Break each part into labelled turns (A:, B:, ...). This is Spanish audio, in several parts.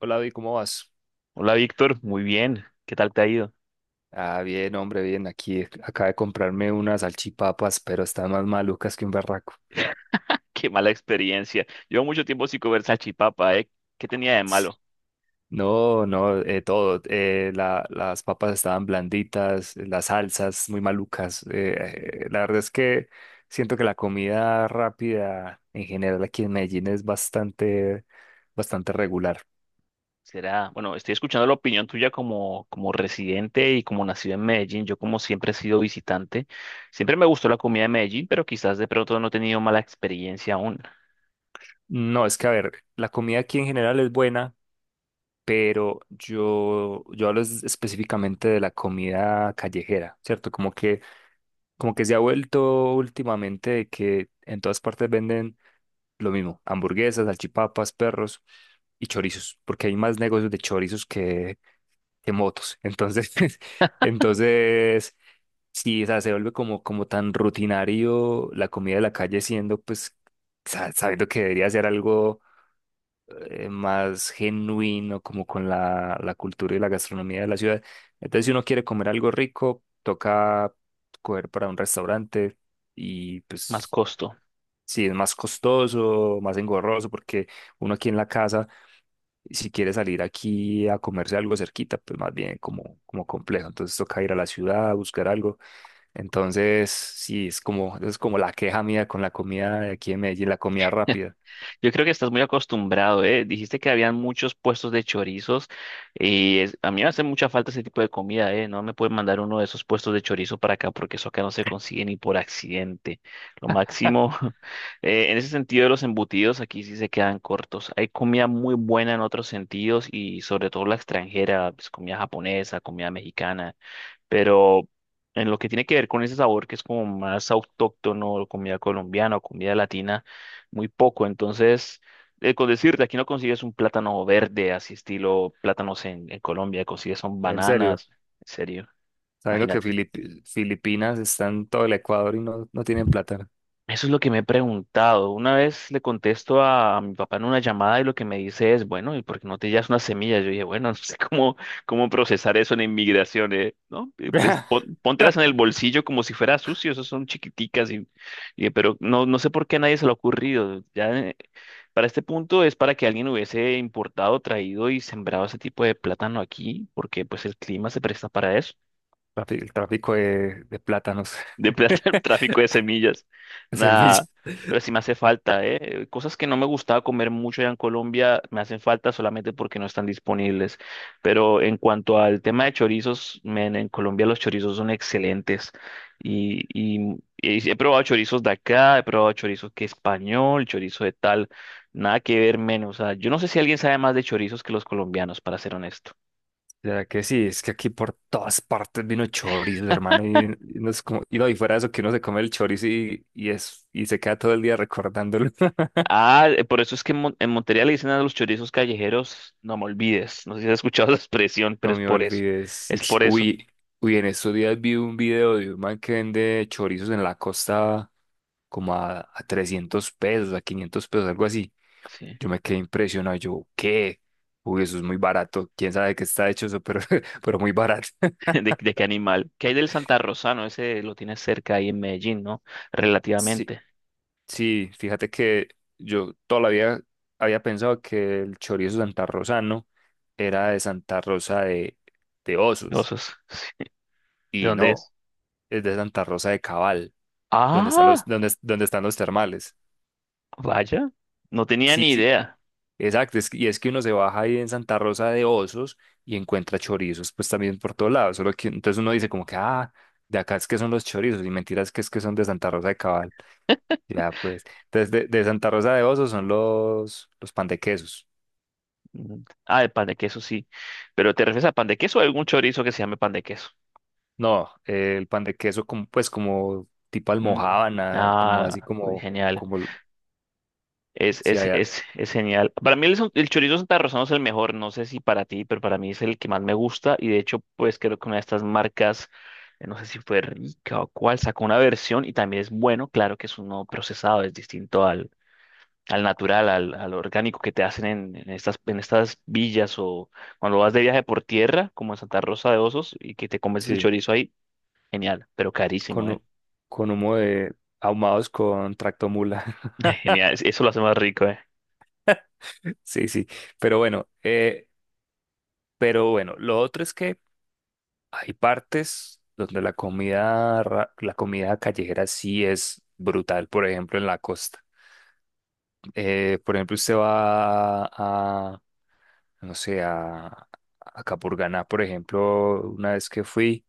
A: Hola, Vi, ¿cómo vas?
B: Hola Víctor, muy bien. ¿Qué tal te ha ido?
A: Ah, bien, hombre, bien. Aquí acabo de comprarme unas salchipapas, pero están más malucas que un barraco.
B: Qué mala experiencia. Llevo mucho tiempo sin comer salchipapa, ¿eh? ¿Qué tenía de malo?
A: No, no, todo. Las papas estaban blanditas, las salsas muy malucas. La verdad es que siento que la comida rápida en general aquí en Medellín es bastante, bastante regular.
B: Será, bueno, estoy escuchando la opinión tuya como residente y como nacido en Medellín. Yo como siempre he sido visitante. Siempre me gustó la comida de Medellín, pero quizás de pronto no he tenido mala experiencia aún.
A: No, es que a ver, la comida aquí en general es buena, pero yo hablo específicamente de la comida callejera, ¿cierto? Como que se ha vuelto últimamente de que en todas partes venden lo mismo, hamburguesas, salchipapas, perros y chorizos, porque hay más negocios de chorizos que motos. Entonces, entonces, sí, o sea, se vuelve como tan rutinario la comida de la calle siendo, pues, sabiendo que debería ser algo más genuino como con la cultura y la gastronomía de la ciudad. Entonces, si uno quiere comer algo rico, toca coger para un restaurante, y
B: Más
A: pues
B: costo.
A: si es más costoso, más engorroso, porque uno aquí en la casa, si quiere salir aquí a comerse algo cerquita, pues más bien como, como complejo. Entonces toca ir a la ciudad, a buscar algo. Entonces, sí, es como la queja mía con la comida de aquí en Medellín, la comida rápida.
B: Yo creo que estás muy acostumbrado, ¿eh? Dijiste que habían muchos puestos de chorizos a mí me hace mucha falta ese tipo de comida, ¿eh? No me pueden mandar uno de esos puestos de chorizo para acá porque eso acá no se consigue ni por accidente. Lo máximo, en ese sentido de los embutidos, aquí sí se quedan cortos. Hay comida muy buena en otros sentidos y sobre todo la extranjera, pues comida japonesa, comida mexicana. Pero en lo que tiene que ver con ese sabor que es como más autóctono, comida colombiana o comida latina, muy poco. Entonces, con decirte, aquí no consigues un plátano verde, así estilo plátanos en Colombia, consigues son
A: En serio.
B: bananas, en serio,
A: Sabiendo que
B: imagínate.
A: Filipinas está en todo el Ecuador y no, no tienen plátano.
B: Eso es lo que me he preguntado. Una vez le contesto a mi papá en una llamada y lo que me dice es, bueno, ¿y por qué no te llevas unas semillas? Yo dije, bueno, no sé cómo, cómo procesar eso en inmigración, ¿eh? ¿No? Eh, Pues pon- póntelas en el bolsillo como si fuera sucio, esas son chiquiticas, y, pero no, no sé por qué a nadie se le ha ocurrido. Ya, para este punto es para que alguien hubiese importado, traído y sembrado ese tipo de plátano aquí, porque pues el clima se presta para eso.
A: El tráfico de plátanos,
B: De plata,
A: de
B: tráfico de semillas. Nada.
A: semillas.
B: Pero sí me hace falta, ¿eh? Cosas que no me gustaba comer mucho allá en Colombia me hacen falta solamente porque no están disponibles. Pero en cuanto al tema de chorizos, men, en Colombia los chorizos son excelentes. Y, y sí, he probado chorizos de acá, he probado chorizos que español, chorizo de tal. Nada que ver menos. O sea, yo no sé si alguien sabe más de chorizos que los colombianos, para ser honesto.
A: Ya que sí, es que aquí por todas partes vino chorizo, hermano. Y no es como, y no, y fuera de eso que uno se come el chorizo y es, y se queda todo el día recordándolo.
B: Por eso es que en Montería le dicen a los chorizos callejeros, no me olvides. No sé si has escuchado la expresión, pero
A: No
B: es
A: me
B: por eso.
A: olvides. Sí.
B: Es por eso.
A: Uy, uy, en estos días vi un video de un man que vende chorizos en la costa como a 300 pesos, a 500 pesos, algo así.
B: Sí.
A: Yo me quedé impresionado. Yo, ¿qué? Uy, eso es muy barato. ¿Quién sabe de qué está hecho eso? Pero, pero muy barato.
B: De qué animal? ¿Qué hay del Santa Rosano? Ese lo tienes cerca ahí en Medellín, ¿no?
A: Sí,
B: Relativamente.
A: sí, fíjate que yo todavía había pensado que el chorizo santarrosano era de Santa Rosa de Osos.
B: Osos. ¿De
A: Y
B: dónde
A: no,
B: es?
A: es de Santa Rosa de Cabal.
B: Ah,
A: Donde están los termales.
B: vaya. No tenía
A: Sí,
B: ni
A: sí,
B: idea.
A: exacto. Y es que uno se baja ahí en Santa Rosa de Osos y encuentra chorizos, pues también por todos lados. Solo que entonces uno dice como que, ah, de acá es que son los chorizos, y mentiras que es que son de Santa Rosa de Cabal. Ya, pues. Entonces, de Santa Rosa de Osos son los pan de quesos.
B: Mm, ah, el pan de queso sí. ¿Pero te refieres a pan de queso o a algún chorizo que se llame pan de queso?
A: No, el pan de queso como, pues como tipo
B: Mm,
A: almojábana, como así
B: ah, uy,
A: como,
B: genial.
A: como
B: Es,
A: si
B: es,
A: hay
B: es, es genial. Para mí el, el chorizo santarrosano es el mejor, no sé si para ti, pero para mí es el que más me gusta y de hecho pues creo que una de estas marcas, no sé si fue Rica o cuál, sacó una versión y también es bueno, claro que es uno procesado, es distinto al, al natural, al orgánico que te hacen en estas, en estas villas o cuando vas de viaje por tierra, como en Santa Rosa de Osos, y que te comes el
A: sí,
B: chorizo ahí, genial, pero carísimo,
A: con,
B: ¿eh?
A: hu- con humo de ahumados con tractomula.
B: Ay, genial, eso lo hace más rico, ¿eh?
A: Sí, sí, pero bueno, lo otro es que hay partes donde la comida callejera sí es brutal, por ejemplo, en la costa. Por ejemplo, usted va a, no sé, a Capurganá, por ejemplo, una vez que fui,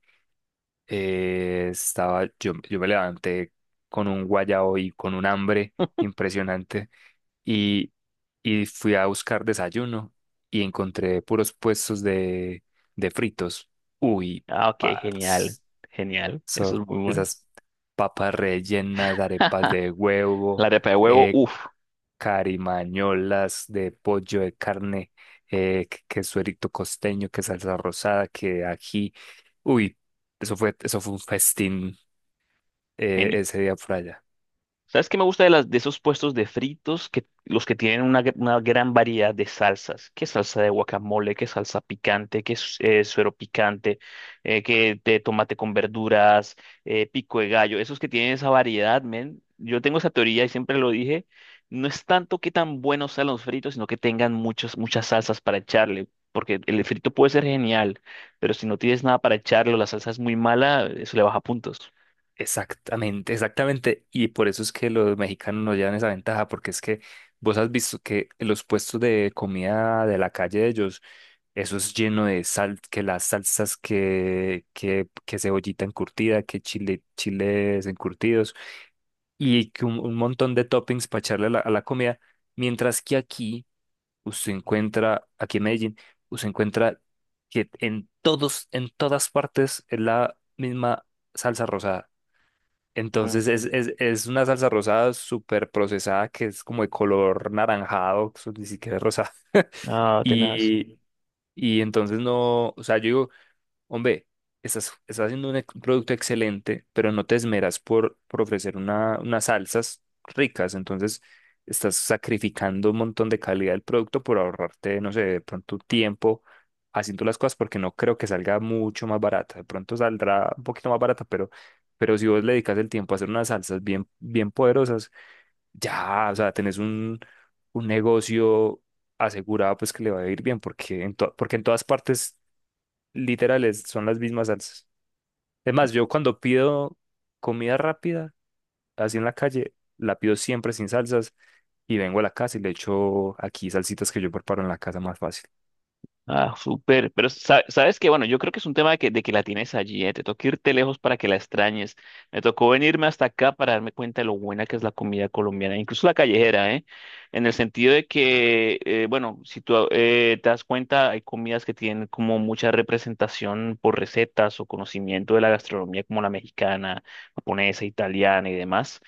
A: estaba, yo me levanté con un guayao y con un hambre impresionante, y, y fui a buscar desayuno y encontré puros puestos de fritos. Uy,
B: Ah, ok, genial,
A: pars.
B: genial,
A: So,
B: eso es muy bueno.
A: esas papas rellenas, arepas de huevo,
B: La arepa de huevo,
A: eh,
B: uff.
A: carimañolas de pollo, de carne, que suerito costeño, que salsa rosada, que ají. Uy, eso fue un festín ese día por allá.
B: ¿Sabes qué me gusta de, las, de esos puestos de fritos? Que, los que tienen una, una gran variedad de salsas. ¿Qué salsa de guacamole? ¿Qué salsa picante? ¿Qué suero picante? ¿Qué de tomate con verduras? Pico de gallo. Esos que tienen esa variedad, men. Yo tengo esa teoría y siempre lo dije. No es tanto que tan buenos sean los fritos, sino que tengan muchas salsas para echarle. Porque el frito puede ser genial, pero si no tienes nada para echarlo, la salsa es muy mala, eso le baja puntos.
A: Exactamente, exactamente. Y por eso es que los mexicanos nos llevan esa ventaja, porque es que vos has visto que los puestos de comida de la calle de ellos, eso es lleno de sal, que las salsas, que cebollita encurtida, que chile, chiles encurtidos y que un montón de toppings para echarle a a la comida. Mientras que aquí, usted encuentra, aquí en Medellín, usted encuentra que en todas partes es la misma salsa rosada.
B: Mm.
A: Entonces es una salsa rosada súper procesada que es como de color naranjado, eso ni siquiera es rosada.
B: Ah, tenaz.
A: Y, y entonces no, o sea, yo digo, hombre, estás haciendo un producto excelente, pero no te esmeras por ofrecer unas salsas ricas, entonces estás sacrificando un montón de calidad del producto por ahorrarte, no sé, de pronto tiempo haciendo las cosas, porque no creo que salga mucho más barata. De pronto saldrá un poquito más barata, pero, si vos le dedicas el tiempo a hacer unas salsas bien, bien poderosas, ya, o sea, tenés un negocio asegurado pues que le va a ir bien, porque porque en todas partes literales, son las mismas salsas. Es más, yo cuando pido comida rápida, así en la calle, la pido siempre sin salsas y vengo a la casa y le echo aquí salsitas que yo preparo en la casa más fácil.
B: Ah, súper. Pero sabes que, bueno, yo creo que es un tema de que la tienes allí, ¿eh? Te tocó irte lejos para que la extrañes. Me tocó venirme hasta acá para darme cuenta de lo buena que es la comida colombiana, incluso la callejera, ¿eh? En el sentido de que, bueno, si tú te das cuenta, hay comidas que tienen como mucha representación por recetas o conocimiento de la gastronomía, como la mexicana, japonesa, italiana y demás.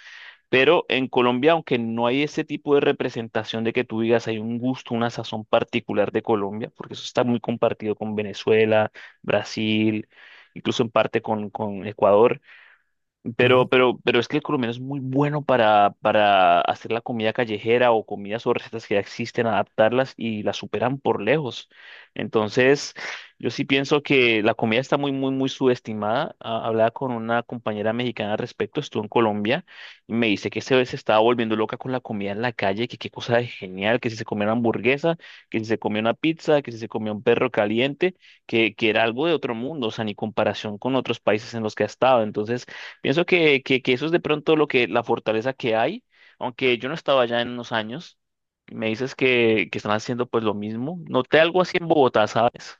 B: Pero en Colombia, aunque no hay ese tipo de representación de que tú digas hay un gusto, una sazón particular de Colombia, porque eso está muy compartido con Venezuela, Brasil, incluso en parte con Ecuador.
A: Ujú.
B: Pero es que el colombiano es muy bueno para hacer la comida callejera o comidas o recetas que ya existen, adaptarlas y las superan por lejos. Entonces, yo sí pienso que la comida está muy subestimada. Ah, hablaba con una compañera mexicana al respecto, estuvo en Colombia y me dice que se estaba volviendo loca con la comida en la calle, que qué cosa de genial, que si se comía una hamburguesa, que si se comía una pizza, que si se comía un perro caliente, que era algo de otro mundo, o sea, ni comparación con otros países en los que ha estado. Entonces, pienso que eso es de pronto lo que, la fortaleza que hay, aunque yo no estaba allá en unos años, y me dices que están haciendo pues lo mismo. Noté algo así en Bogotá, ¿sabes?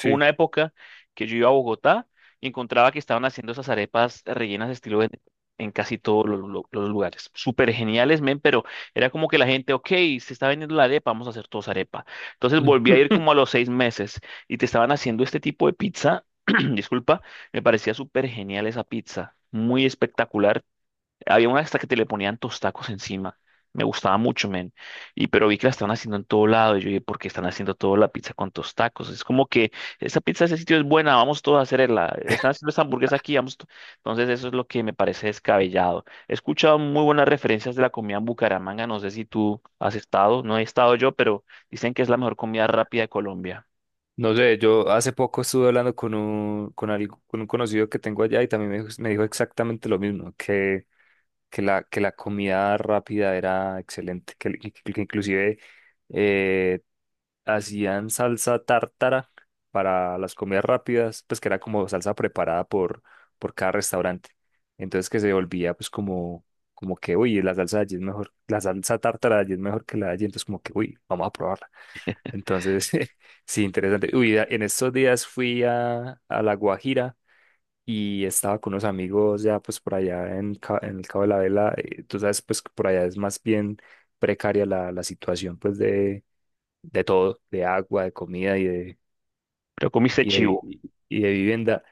B: Hubo una época que yo iba a Bogotá y encontraba que estaban haciendo esas arepas rellenas de estilo en casi todos los, los lugares. Súper geniales, men, pero era como que la gente, ok, se está vendiendo la arepa, vamos a hacer todos arepa. Entonces volví a ir como a los seis meses y te estaban haciendo este tipo de pizza. Disculpa, me parecía súper genial esa pizza. Muy espectacular. Había una hasta que te le ponían tostacos encima. Me gustaba mucho, men. Y pero vi que la estaban haciendo en todo lado. Y yo dije, ¿por qué están haciendo toda la pizza con tostacos? Es como que esta pizza ese sitio es buena, vamos todos a hacerla. Están haciendo esta hamburguesa aquí, vamos. To-". Entonces, eso es lo que me parece descabellado. He escuchado muy buenas referencias de la comida en Bucaramanga. No sé si tú has estado, no he estado yo, pero dicen que es la mejor comida rápida de Colombia.
A: No sé, yo hace poco estuve hablando con un conocido que tengo allá y también me dijo exactamente lo mismo, que, que la comida rápida era excelente, que, que inclusive eh, hacían salsa tártara para las comidas rápidas, pues que era como salsa preparada por cada restaurante. Entonces que se volvía pues como, como que, uy, la salsa de allí es mejor, la salsa tártara de allí es mejor que la de allí, entonces como que, uy, vamos a probarla. Entonces, sí, interesante. Uy, en estos días fui a La Guajira. Y estaba con unos amigos ya pues por allá en el Cabo de la Vela. Tú sabes pues que por allá es más bien precaria la situación pues de todo, de agua, de comida
B: Pero comiste
A: y de,
B: chivo.
A: y de vivienda.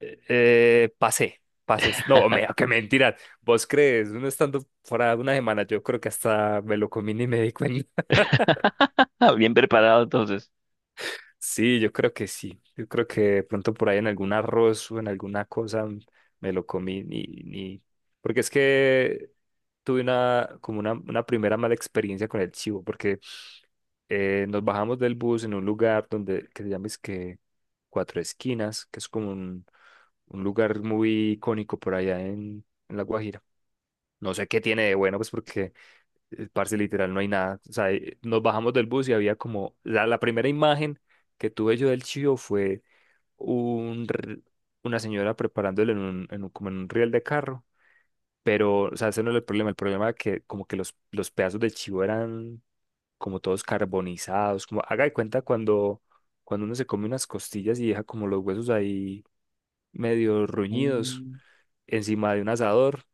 A: Pasé, pases. No, me, qué mentira. ¿Vos crees? Uno estando fuera una semana, yo creo que hasta me lo comí ni me di cuenta.
B: Ah, bien preparado, entonces.
A: Sí, yo creo que sí. Yo creo que de pronto por ahí en algún arroz o en alguna cosa me lo comí ni, ni... Porque es que tuve una primera mala experiencia con el chivo, porque nos bajamos del bus en un lugar donde, que se llama es que Cuatro Esquinas, que es como un lugar muy icónico por allá en La Guajira. No sé qué tiene de bueno, pues porque, parce, literal, no hay nada. O sea, nos bajamos del bus y había como, la primera imagen que tuve yo del Chío fue un, r- una señora preparándole como en un riel de carro. Pero, o sea, ese no era el problema. El problema era que como que los, pedazos de chivo eran como todos carbonizados, como haga de cuenta cuando, uno se come unas costillas y deja como los huesos ahí medio ruñidos
B: Mm,
A: encima de un asador.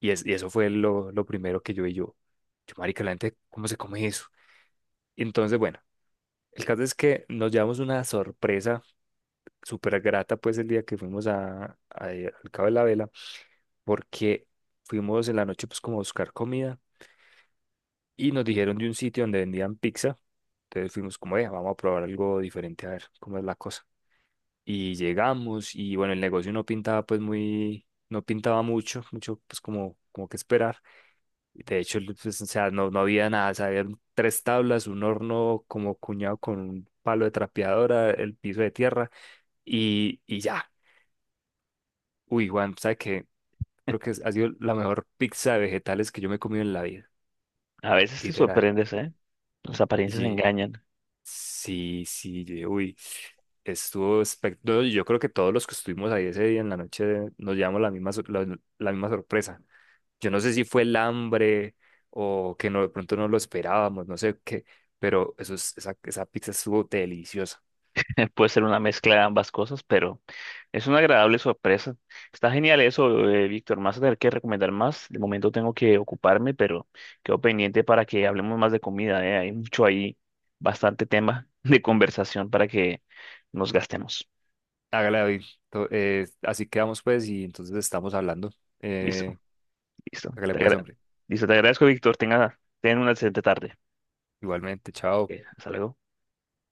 A: Y, es, y eso fue lo, primero que yo y yo. Yo, marica, la gente, ¿cómo se come eso? Entonces, bueno, el caso es que nos llevamos una sorpresa súper grata, pues, el día que fuimos al Cabo de la Vela, porque fuimos en la noche, pues, como a buscar comida y nos dijeron de un sitio donde vendían pizza. Entonces fuimos como, vea, vamos a probar algo diferente a ver cómo es la cosa. Y llegamos y bueno, el negocio no pintaba pues muy, no pintaba mucho, mucho pues como, como que esperar. De hecho, el- pues, o sea, no, no había nada, o sea, habían tres tablas, un horno como cuñado con un palo de trapeadora, el piso de tierra y ya. Uy, Juan, ¿sabes qué? Creo que ha sido la mejor pizza de vegetales que yo me he comido en la vida,
B: a veces te
A: literal.
B: sorprendes, ¿eh? Las apariencias engañan.
A: Sí, sí, yo dije, uy, estuvo espectacular. Yo creo que todos los que estuvimos ahí ese día en la noche nos llevamos la misma, la misma sorpresa. Yo no sé si fue el hambre o que no, de pronto no lo esperábamos, no sé qué, pero eso es- esa pizza estuvo deliciosa.
B: Puede ser una mezcla de ambas cosas, pero es una agradable sorpresa. Está genial eso, Víctor. Más a tener que recomendar más. De momento tengo que ocuparme, pero quedo pendiente para que hablemos más de comida, ¿eh? Hay mucho ahí, bastante tema de conversación para que nos gastemos.
A: Hágale, David. Así quedamos pues y entonces estamos hablando.
B: Listo,
A: Eh,
B: listo.
A: Hágale pues, hombre.
B: Listo, te agradezco, Víctor. Tenga, ten una excelente tarde.
A: Igualmente, chao.
B: Hasta luego.